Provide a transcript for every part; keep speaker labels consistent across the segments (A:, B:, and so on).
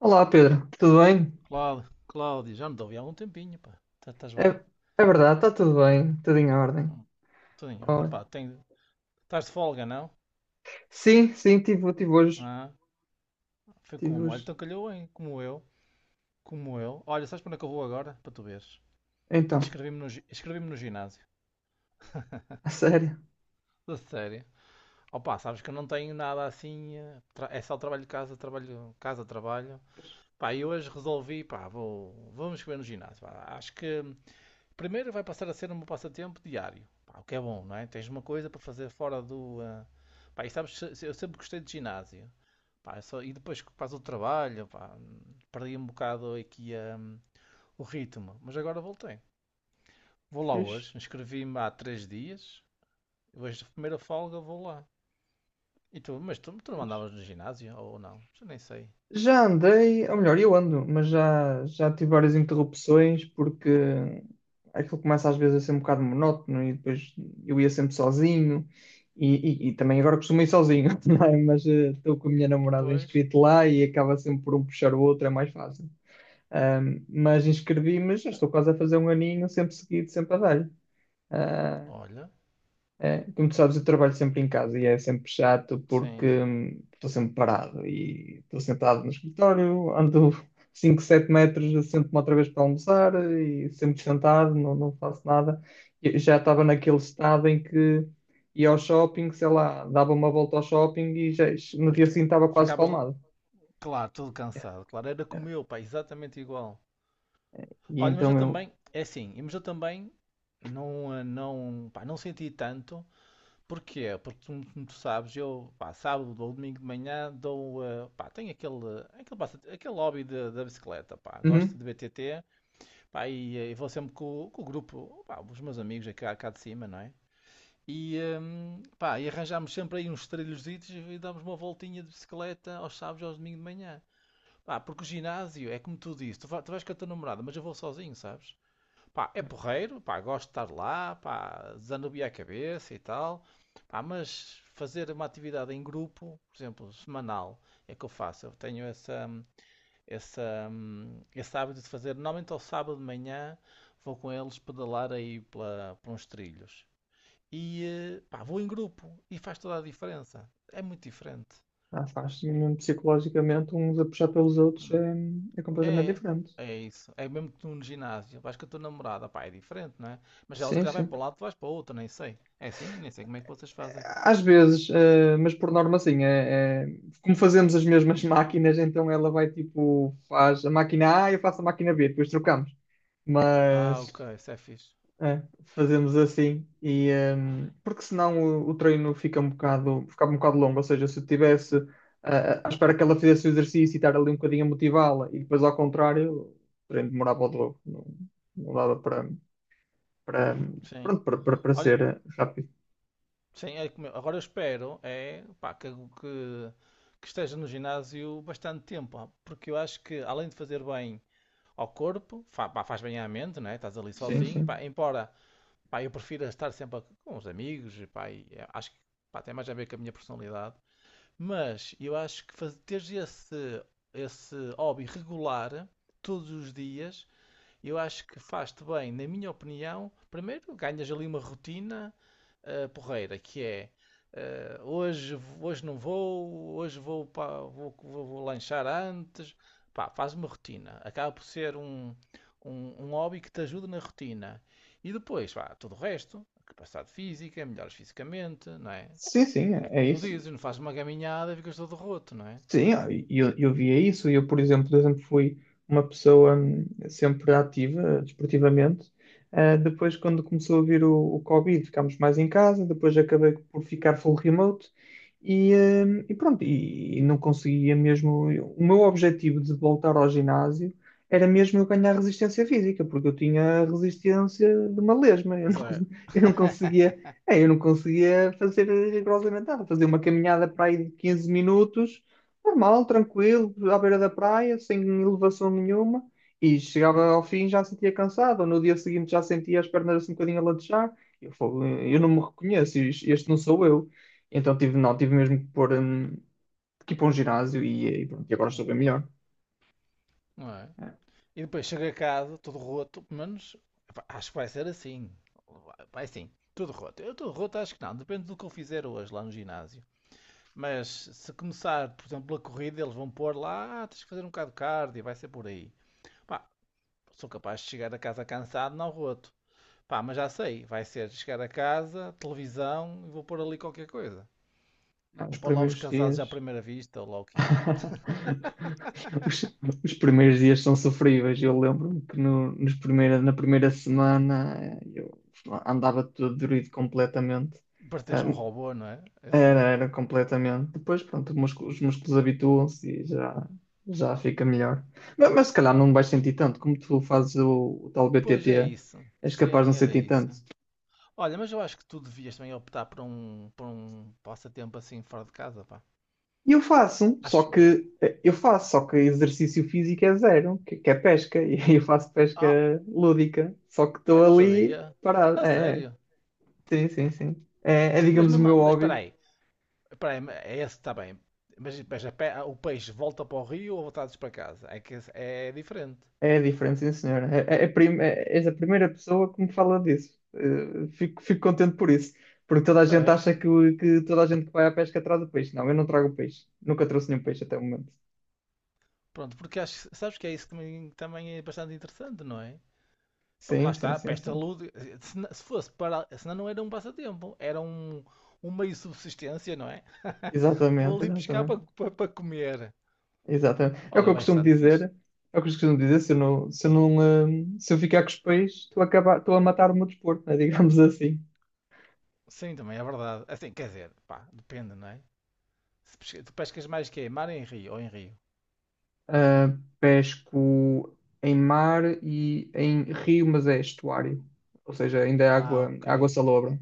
A: Olá Pedro, tudo bem?
B: Cláudio, Cláudio, já não te ouvi há um tempinho, pá. Estás
A: É,
B: bem?
A: é verdade, está tudo bem, tudo em ordem.
B: Hum, Tudo em ordem, pá.
A: Olha.
B: Tenho... Estás de folga, não?
A: Sim, sim, tive hoje,
B: Ah, Foi
A: tive
B: como? Olha,
A: hoje.
B: então calhou, hein? Como eu, como eu. Olha, sabes para onde é que eu vou agora? Para tu veres.
A: Então,
B: Inscrevi-me no ginásio.
A: a sério,
B: Da série. Oh, pá, sabes que eu não tenho nada assim. É só trabalho de casa, trabalho, casa, trabalho. Pá, e hoje resolvi, pá, vamos escrever no ginásio, pá. Acho que Primeiro vai passar a ser um passatempo diário. Pá, o que é bom, não é? Tens uma coisa para fazer fora Pá, e sabes, eu sempre gostei de ginásio. E depois que faz o trabalho, pá, perdi um bocado aqui o ritmo. Mas agora voltei. Vou lá
A: fiz,
B: hoje, inscrevi-me há três dias. Hoje, de primeira folga, vou lá. E tu, mas tu, tu não
A: fiz.
B: andavas no ginásio ou não? Já nem sei.
A: Já andei, ou melhor, eu ando, mas já tive várias interrupções porque aquilo começa às vezes a ser um bocado monótono e depois eu ia sempre sozinho e também agora costumo ir sozinho, não é? Mas estou com a minha namorada
B: Pois,
A: inscrito lá e acaba sempre por um puxar o outro, é mais fácil. Mas inscrevi-me, já estou quase a fazer um aninho, sempre seguido, sempre a dar-lhe. Ah,
B: olha,
A: é, como tu sabes, eu trabalho sempre em casa e é sempre chato porque
B: sim.
A: estou sempre parado e estou sentado no escritório, ando 5, 7 metros, sento-me outra vez para almoçar e sempre sentado, não, não faço nada. Eu já estava naquele estado em que ia ao shopping, sei lá, dava uma volta ao shopping e já, no
B: É.
A: dia seguinte estava quase
B: Ficavas,
A: espalmado.
B: claro, todo cansado. Claro, era como eu, pá, exatamente igual.
A: E
B: Olha, mas eu
A: então eu.
B: também, é assim, mas eu também não, não, pá, não senti tanto. Porquê? Como tu sabes, eu, pá, sábado ou domingo de manhã dou, pá, tenho aquele, aquele hobby da bicicleta, pá, gosto
A: Uhum.
B: de BTT, pá, vou sempre com o grupo, pá, os meus amigos aqui cá, cá de cima, não é? E, pá, e arranjámos sempre aí uns trilhozitos e damos uma voltinha de bicicleta aos sábados e aos domingos de manhã. Pá, porque o ginásio, é como tu dizes, tu vais com a tua namorada, mas eu vou sozinho, sabes? Pá, é porreiro, pá, gosto de estar lá, pá, desanuviar a cabeça e tal. Pá, mas fazer uma atividade em grupo, por exemplo, semanal, é que eu faço. Eu tenho essa, essa, esse hábito de fazer. Normalmente ao sábado de manhã vou com eles pedalar aí pela, por uns trilhos. E pá, vou em grupo e faz toda a diferença. É muito diferente.
A: Ah, faz mesmo psicologicamente uns a puxar pelos outros é completamente
B: É,
A: diferente.
B: é isso. É mesmo que tu no ginásio. Vais com a tua namorada, pá, é diferente, não é? Mas ela se
A: Sim,
B: calhar vai
A: sim.
B: para um lado, tu vais para o outro, nem sei. É assim? Nem sei como é que vocês fazem.
A: Às vezes, mas por norma assim, como fazemos as mesmas máquinas, então ela vai tipo, faz a máquina A e eu faço a máquina B, depois trocamos.
B: Ah, ok,
A: Mas
B: isso é fixe.
A: Fazemos assim e porque senão o treino fica um bocado longo, ou seja, se eu tivesse à espera que ela fizesse o exercício e estar ali um bocadinho a motivá-la e depois ao contrário, o treino demorava o dobro, não, não dava para, para,
B: Sim.
A: pronto, para, para, para
B: Olha,
A: ser rápido.
B: sim, agora eu espero, é, pá, que, que esteja no ginásio bastante tempo, ó, porque eu acho que além de fazer bem ao corpo, pá, faz bem à mente, não é? Estás ali
A: Sim,
B: sozinho,
A: sim.
B: pá, embora, pá, eu prefiro estar sempre com os amigos, pá, e, é, acho que, pá, tem mais a ver com a minha personalidade. Mas eu acho que teres esse, esse hobby regular todos os dias, eu acho que faz-te bem, na minha opinião. Primeiro, ganhas ali uma rotina porreira, que é hoje, hoje não vou, hoje vou, vou lanchar antes. Pá, faz uma rotina. Acaba por ser um, um, um hobby que te ajuda na rotina. E depois, pá, tudo o resto, capacidade física, melhoras fisicamente, não é?
A: Sim, sim,
B: É
A: é
B: como
A: é
B: tu
A: isso.
B: dizes, não fazes uma gaminhada e ficas todo roto, não é?
A: Sim, e eu via isso. Eu, por exemplo, eu sempre fui uma pessoa sempre ativa, desportivamente. Ah, depois, quando começou a vir o Covid, ficámos mais em casa. Depois acabei por ficar full remote. E pronto, e não conseguia mesmo. O meu objetivo de voltar ao ginásio era mesmo eu ganhar resistência física, porque eu tinha a resistência de uma lesma. Eu não,
B: Zé.
A: eu não conseguia, eu não conseguia fazer rigorosamente nada. Fazer uma caminhada para aí de 15 minutos. Normal, tranquilo, à beira da praia, sem elevação nenhuma, e chegava
B: Hum,
A: ao fim já sentia cansado, ou no dia seguinte já sentia as pernas assim um bocadinho a latejar. Eu, falo, eu não me reconheço, este não sou eu. Então tive, não, tive mesmo que pôr, que ir para um ginásio e pronto, e agora estou
B: Sim,
A: bem melhor.
B: claro. Não é? E depois chego a casa, todo roto, pelo menos epá, acho que vai ser assim. Sim, tudo roto. Eu todo roto acho que não, depende do que eu fizer hoje lá no ginásio. Mas se começar, por exemplo, a corrida, eles vão pôr lá, "Ah, tens que fazer um bocado de cardio, vai ser por aí. Pá, sou capaz de chegar a casa cansado, não roto. Pá, mas já sei, vai ser chegar a casa, televisão e vou pôr ali qualquer coisa.
A: Ah, os
B: Vou pôr lá os
A: primeiros
B: casados
A: dias.
B: à primeira vista, ou lá o que é.
A: Os, os primeiros dias são sofríveis. Eu lembro-me que no, nos primeira, na primeira semana eu andava todo dorido completamente.
B: Parteja um
A: Hum.
B: robô, não é? Eu
A: Era,
B: sei.
A: era completamente. Depois, pronto, os músculos habituam-se e já fica melhor. Mas se calhar não vais sentir tanto, como tu fazes o tal
B: Pois é
A: BTT,
B: isso.
A: és capaz de não
B: Sim, era
A: sentir
B: isso.
A: tanto.
B: Olha, mas eu acho que tu devias também optar por um passatempo assim fora de casa, pá.
A: E eu faço, só
B: Acho eu.
A: que eu faço, só que exercício físico é zero, que é pesca, e eu faço pesca
B: Ah,
A: lúdica, só que
B: ai,
A: estou
B: não
A: ali
B: sabia.
A: parado.
B: A
A: É, é,
B: sério?
A: sim, sim, sim. É, é, digamos, o meu
B: Mas espera
A: hobby.
B: aí. Espera aí, é esse está bem. Mas, o peixe volta para o rio ou voltados para casa? É diferente.
A: É diferente, sim, senhora. És a primeira pessoa que me fala disso. Fico contente por isso. Porque toda a gente
B: É.
A: acha que toda a gente que vai à pesca traz o peixe. Não, eu não trago peixe. Nunca trouxe nenhum peixe até o momento.
B: Pronto, porque acho, sabes que é isso que também também é bastante interessante, não é? Pá, lá
A: Sim, sim,
B: está,
A: sim,
B: peste a
A: sim.
B: lude. Se fosse para. Senão não era um passatempo, era um, um meio de subsistência, não é? Vou
A: Exatamente,
B: ali pescar
A: exatamente.
B: para, para, para comer.
A: Exatamente. É o que
B: Olha,
A: eu costumo
B: bastante fixe.
A: dizer. É o que eu costumo dizer. Se eu não, se eu não, eh, se eu ficar com os peixes, estou a acabar, estou a matar o meu desporto, né? Digamos assim.
B: Sim, também é verdade. Assim, quer dizer, pá, depende, não é? Se pesca- Tu pescas mais que é? Mar em rio ou em rio?
A: Pesco em mar e em rio, mas é estuário. Ou seja, ainda é
B: Ah,
A: água,
B: ok.
A: água salobra,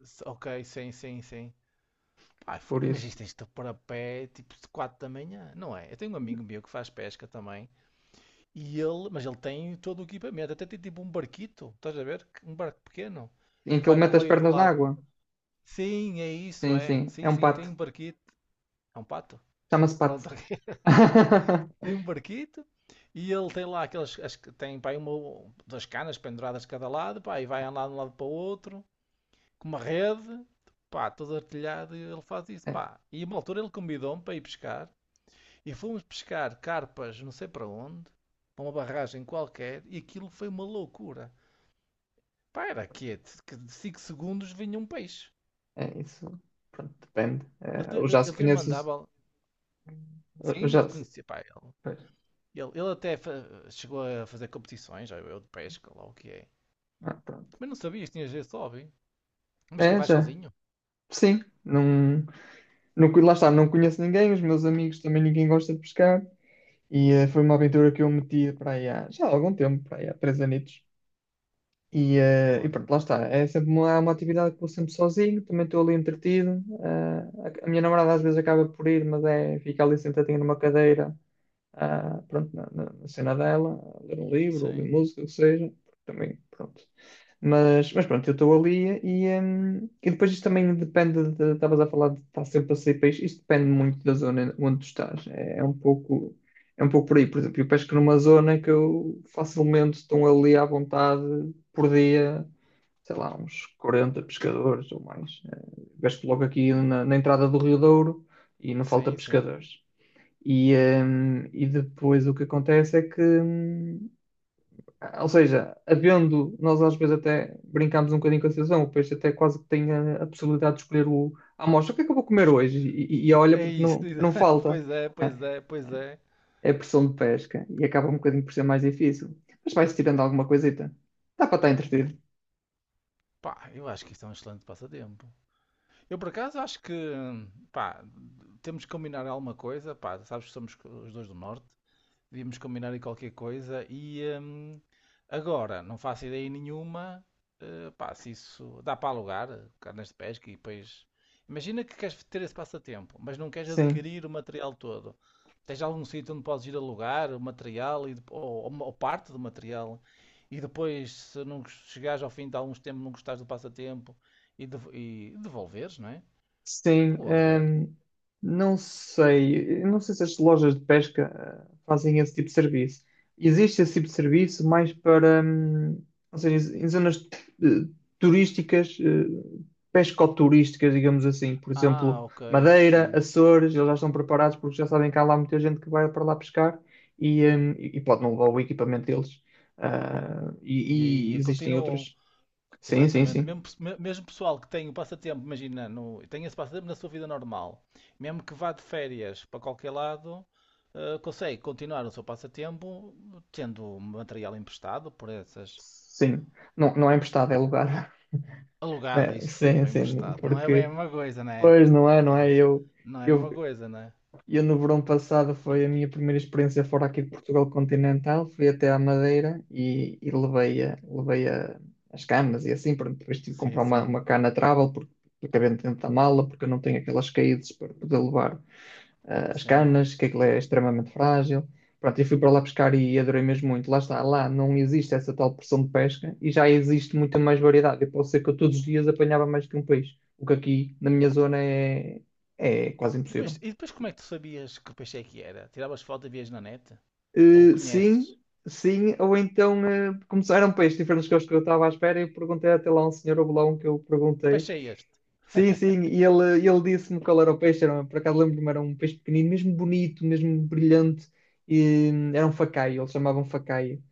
B: Ok, sim, sim, sim. Pá,
A: por
B: mas
A: isso.
B: isto tens de te pôr a pé tipo de 4 da manhã, não é? Eu tenho um amigo meu que faz pesca também. E ele, mas ele tem todo o equipamento, até tem tipo um barquito, estás a ver? Um barco pequeno
A: Em
B: que
A: que ele
B: vai para o
A: mete as
B: meio do
A: pernas na
B: lado.
A: água.
B: Sim, é isso,
A: Sim,
B: é.
A: sim, é
B: Sim,
A: um
B: sim, tem
A: pato.
B: um barquito. É um pato.
A: Chama-se pato.
B: Pronto, tem um barquito e ele tem lá aquelas. As, tem pá, aí uma, duas canas penduradas de cada lado, pá, e vai andar de um lado para o outro, com uma rede, pá, todo artilhado, e ele faz isso,
A: É,
B: pá. E a uma altura ele convidou-me para ir pescar e fomos pescar carpas, não sei para onde, para uma barragem qualquer, e aquilo foi uma loucura. Para, quieto, que de 5 segundos vinha um peixe.
A: é isso. Pronto, depende. É, eu já se
B: Ele também
A: conheço.
B: mandava.
A: Eu
B: Sim, ele
A: já se...
B: conhecia. Pá, ele,
A: Pois.
B: ele, ele chegou a fazer competições, já eu, de pesca, lá o que é.
A: Ah, pronto.
B: Mas não sabias, tinhas esse hobby. Mas quem
A: É,
B: vai
A: já.
B: sozinho?
A: Sim. Não, não, lá está, não conheço ninguém, os meus amigos também ninguém gosta de pescar. E foi uma aventura que eu meti para aí há, já há algum tempo, para aí há 3 anos. E
B: Olha,
A: pronto, lá está. É sempre há uma atividade que vou sempre sozinho, também estou ali entretido. A minha namorada às vezes acaba por ir, mas fica ali sentadinha numa cadeira pronto, na cena dela, a ler um livro, ou ouvir
B: sim.
A: música, o que seja, também, pronto. Mas pronto, eu estou ali e depois isto também depende, estavas a falar de estar sempre a sair país, isto depende muito da zona onde tu estás, é um pouco por aí, por exemplo, eu pesco numa zona que eu facilmente estou ali à vontade por dia, sei lá, uns 40 pescadores ou mais. Pesco logo aqui
B: E-
A: na entrada do Rio Douro e não falta
B: Sim, sim.
A: pescadores. E, e depois o que acontece é que, ou seja, havendo, nós às vezes até brincamos um bocadinho com a situação, o peixe até quase que tem a possibilidade de escolher o, a amostra, o que é que eu vou comer
B: Ups,
A: hoje? E olha,
B: é
A: porque
B: isso,
A: não, não falta,
B: pois é,
A: né?
B: pois é, pois é.
A: É a pressão de pesca e acaba um bocadinho por ser mais difícil, mas vai-se tirando alguma coisita. Dá para estar entretido.
B: Pá, eu acho que isto é um excelente passatempo. Eu por acaso acho que, pá, temos que combinar alguma coisa, pá, sabes que somos os dois do norte. Devíamos combinar aí qualquer coisa. E agora, não faço ideia nenhuma. Pá, se isso dá para alugar, carnes de pesca e depois. Imagina que queres ter esse passatempo, mas não queres
A: Sim.
B: adquirir o material todo. Tens algum sítio onde podes ir alugar o material e, ou parte do material. E depois, se não gos- chegares ao fim de alguns tempos, não gostares do passatempo e, e devolveres, não é?
A: Sim,
B: O aluguer.
A: não sei, eu não sei se as lojas de pesca fazem esse tipo de serviço. Existe esse tipo de serviço mais para, ou seja, em zonas eh, turísticas, pescoturísticas, digamos assim. Por
B: Ah,
A: exemplo,
B: ok,
A: Madeira,
B: sim.
A: Açores, eles já estão preparados porque já sabem que há lá muita gente que vai para lá pescar e pode não levar o equipamento deles. Ah,
B: E
A: e, e
B: aí
A: existem
B: continuam.
A: outras. Sim, sim,
B: Exatamente.
A: sim.
B: Mesmo, mesmo pessoal que tem o passatempo, imagina, no, tem esse passatempo na sua vida normal, mesmo que vá de férias para qualquer lado, consegue continuar o seu passatempo tendo material emprestado por essas.
A: Sim. Não, não é emprestado, é alugado.
B: Alugado,
A: É,
B: isso,
A: sim,
B: foi
A: sim,
B: emprestado. Não é bem a
A: porque
B: mesma coisa, não é?
A: pois não é, não
B: É,
A: é?
B: não é a
A: Eu,
B: mesma coisa, não é?
A: eu no verão passado foi a minha primeira experiência fora aqui de Portugal continental, fui até à Madeira e levei, as camas e assim, pronto, depois tive que
B: Sim,
A: comprar uma,
B: sim,
A: uma cana travel porque, dentro da mala, porque eu não tenho aquelas caídas para poder levar as
B: sim.
A: canas, que aquilo é extremamente frágil. Pronto, eu fui para lá pescar e adorei mesmo muito. Lá está, lá não existe essa tal pressão de pesca e já existe muita mais variedade. Eu posso ser que eu todos os dias apanhava mais que um peixe, o que aqui na minha zona é quase impossível.
B: E depois como é que tu sabias que peixe é que era? Tiravas foto e vias na net? Ou
A: Eh,
B: conheces?
A: sim, sim, ou então começaram peixes diferentes que os que eu estava à espera e eu perguntei até lá a um senhor, houve lá um que eu perguntei.
B: Peixe é este?
A: Sim, sim, e ele disse-me qual era o peixe, por acaso lembro-me, era um peixe pequenino, mesmo bonito, mesmo brilhante, e era um facaio, eles chamavam facaio.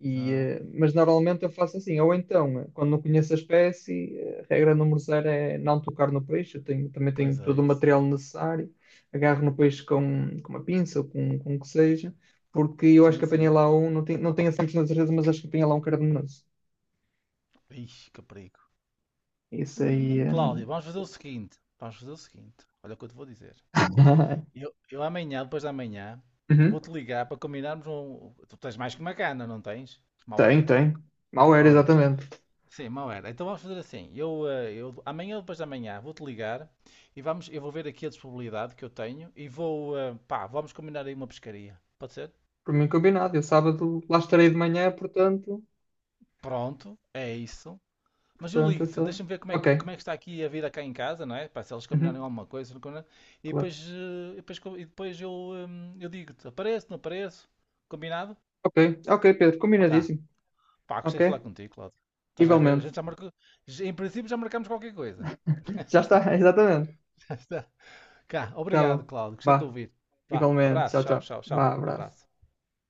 A: E,
B: Ah,
A: eh, mas normalmente eu faço assim, ou então, quando não conheço a espécie, a regra número zero é não tocar no peixe, eu tenho, também tenho
B: pois
A: todo
B: é
A: o
B: isso.
A: material necessário, agarro no peixe com uma pinça ou com o que seja, porque eu acho
B: Sim,
A: que apanhei
B: sim.
A: lá um, não tenho, não tenho a 100% certeza, mas acho que apanhei lá um cardenoso.
B: Ixi, que perigo.
A: Isso aí.
B: Cláudio, vamos fazer o seguinte. Vamos fazer o seguinte. Olha o que eu te vou dizer. Eu amanhã, depois de amanhã, vou-te ligar para combinarmos um. Tu tens mais que uma cana, não tens? Mal
A: Tem,
B: era.
A: tem. Mal era,
B: Pronto.
A: exatamente.
B: Sim, mal era. Então vamos fazer assim. Eu, eu amanhã, depois de amanhã, vou-te ligar e vamos, eu vou ver aqui a disponibilidade que eu tenho e vou, pá, vamos combinar aí uma pescaria. Pode ser?
A: Por mim combinado. Eu sábado lá estarei de manhã, portanto.
B: Pronto, é isso. Mas eu
A: Portanto, é
B: ligo-te,
A: só.
B: deixa-me ver
A: Ok.
B: como é que está aqui a vida cá em casa, não é? Pá, se eles combinarem
A: Uhum,
B: alguma coisa, não combinarem. E
A: claro.
B: depois, e depois, e depois eu digo-te, apareço, não apareço, combinado?
A: Ok, ok, Pedro.
B: Tá.
A: Combinadíssimo.
B: Pá, gostei
A: Ok?
B: de falar contigo, Cláudio. Estás a ver? A
A: Igualmente.
B: gente já marcou, em princípio já marcamos qualquer coisa.
A: Já está, exatamente.
B: Cá,
A: Tá
B: obrigado,
A: bom.
B: Cláudio, gostei de te
A: Vá.
B: ouvir. Vá,
A: Igualmente.
B: abraço,
A: Tchau,
B: tchau,
A: tchau.
B: tchau, tchau,
A: Vá,
B: abraço.
A: abraço.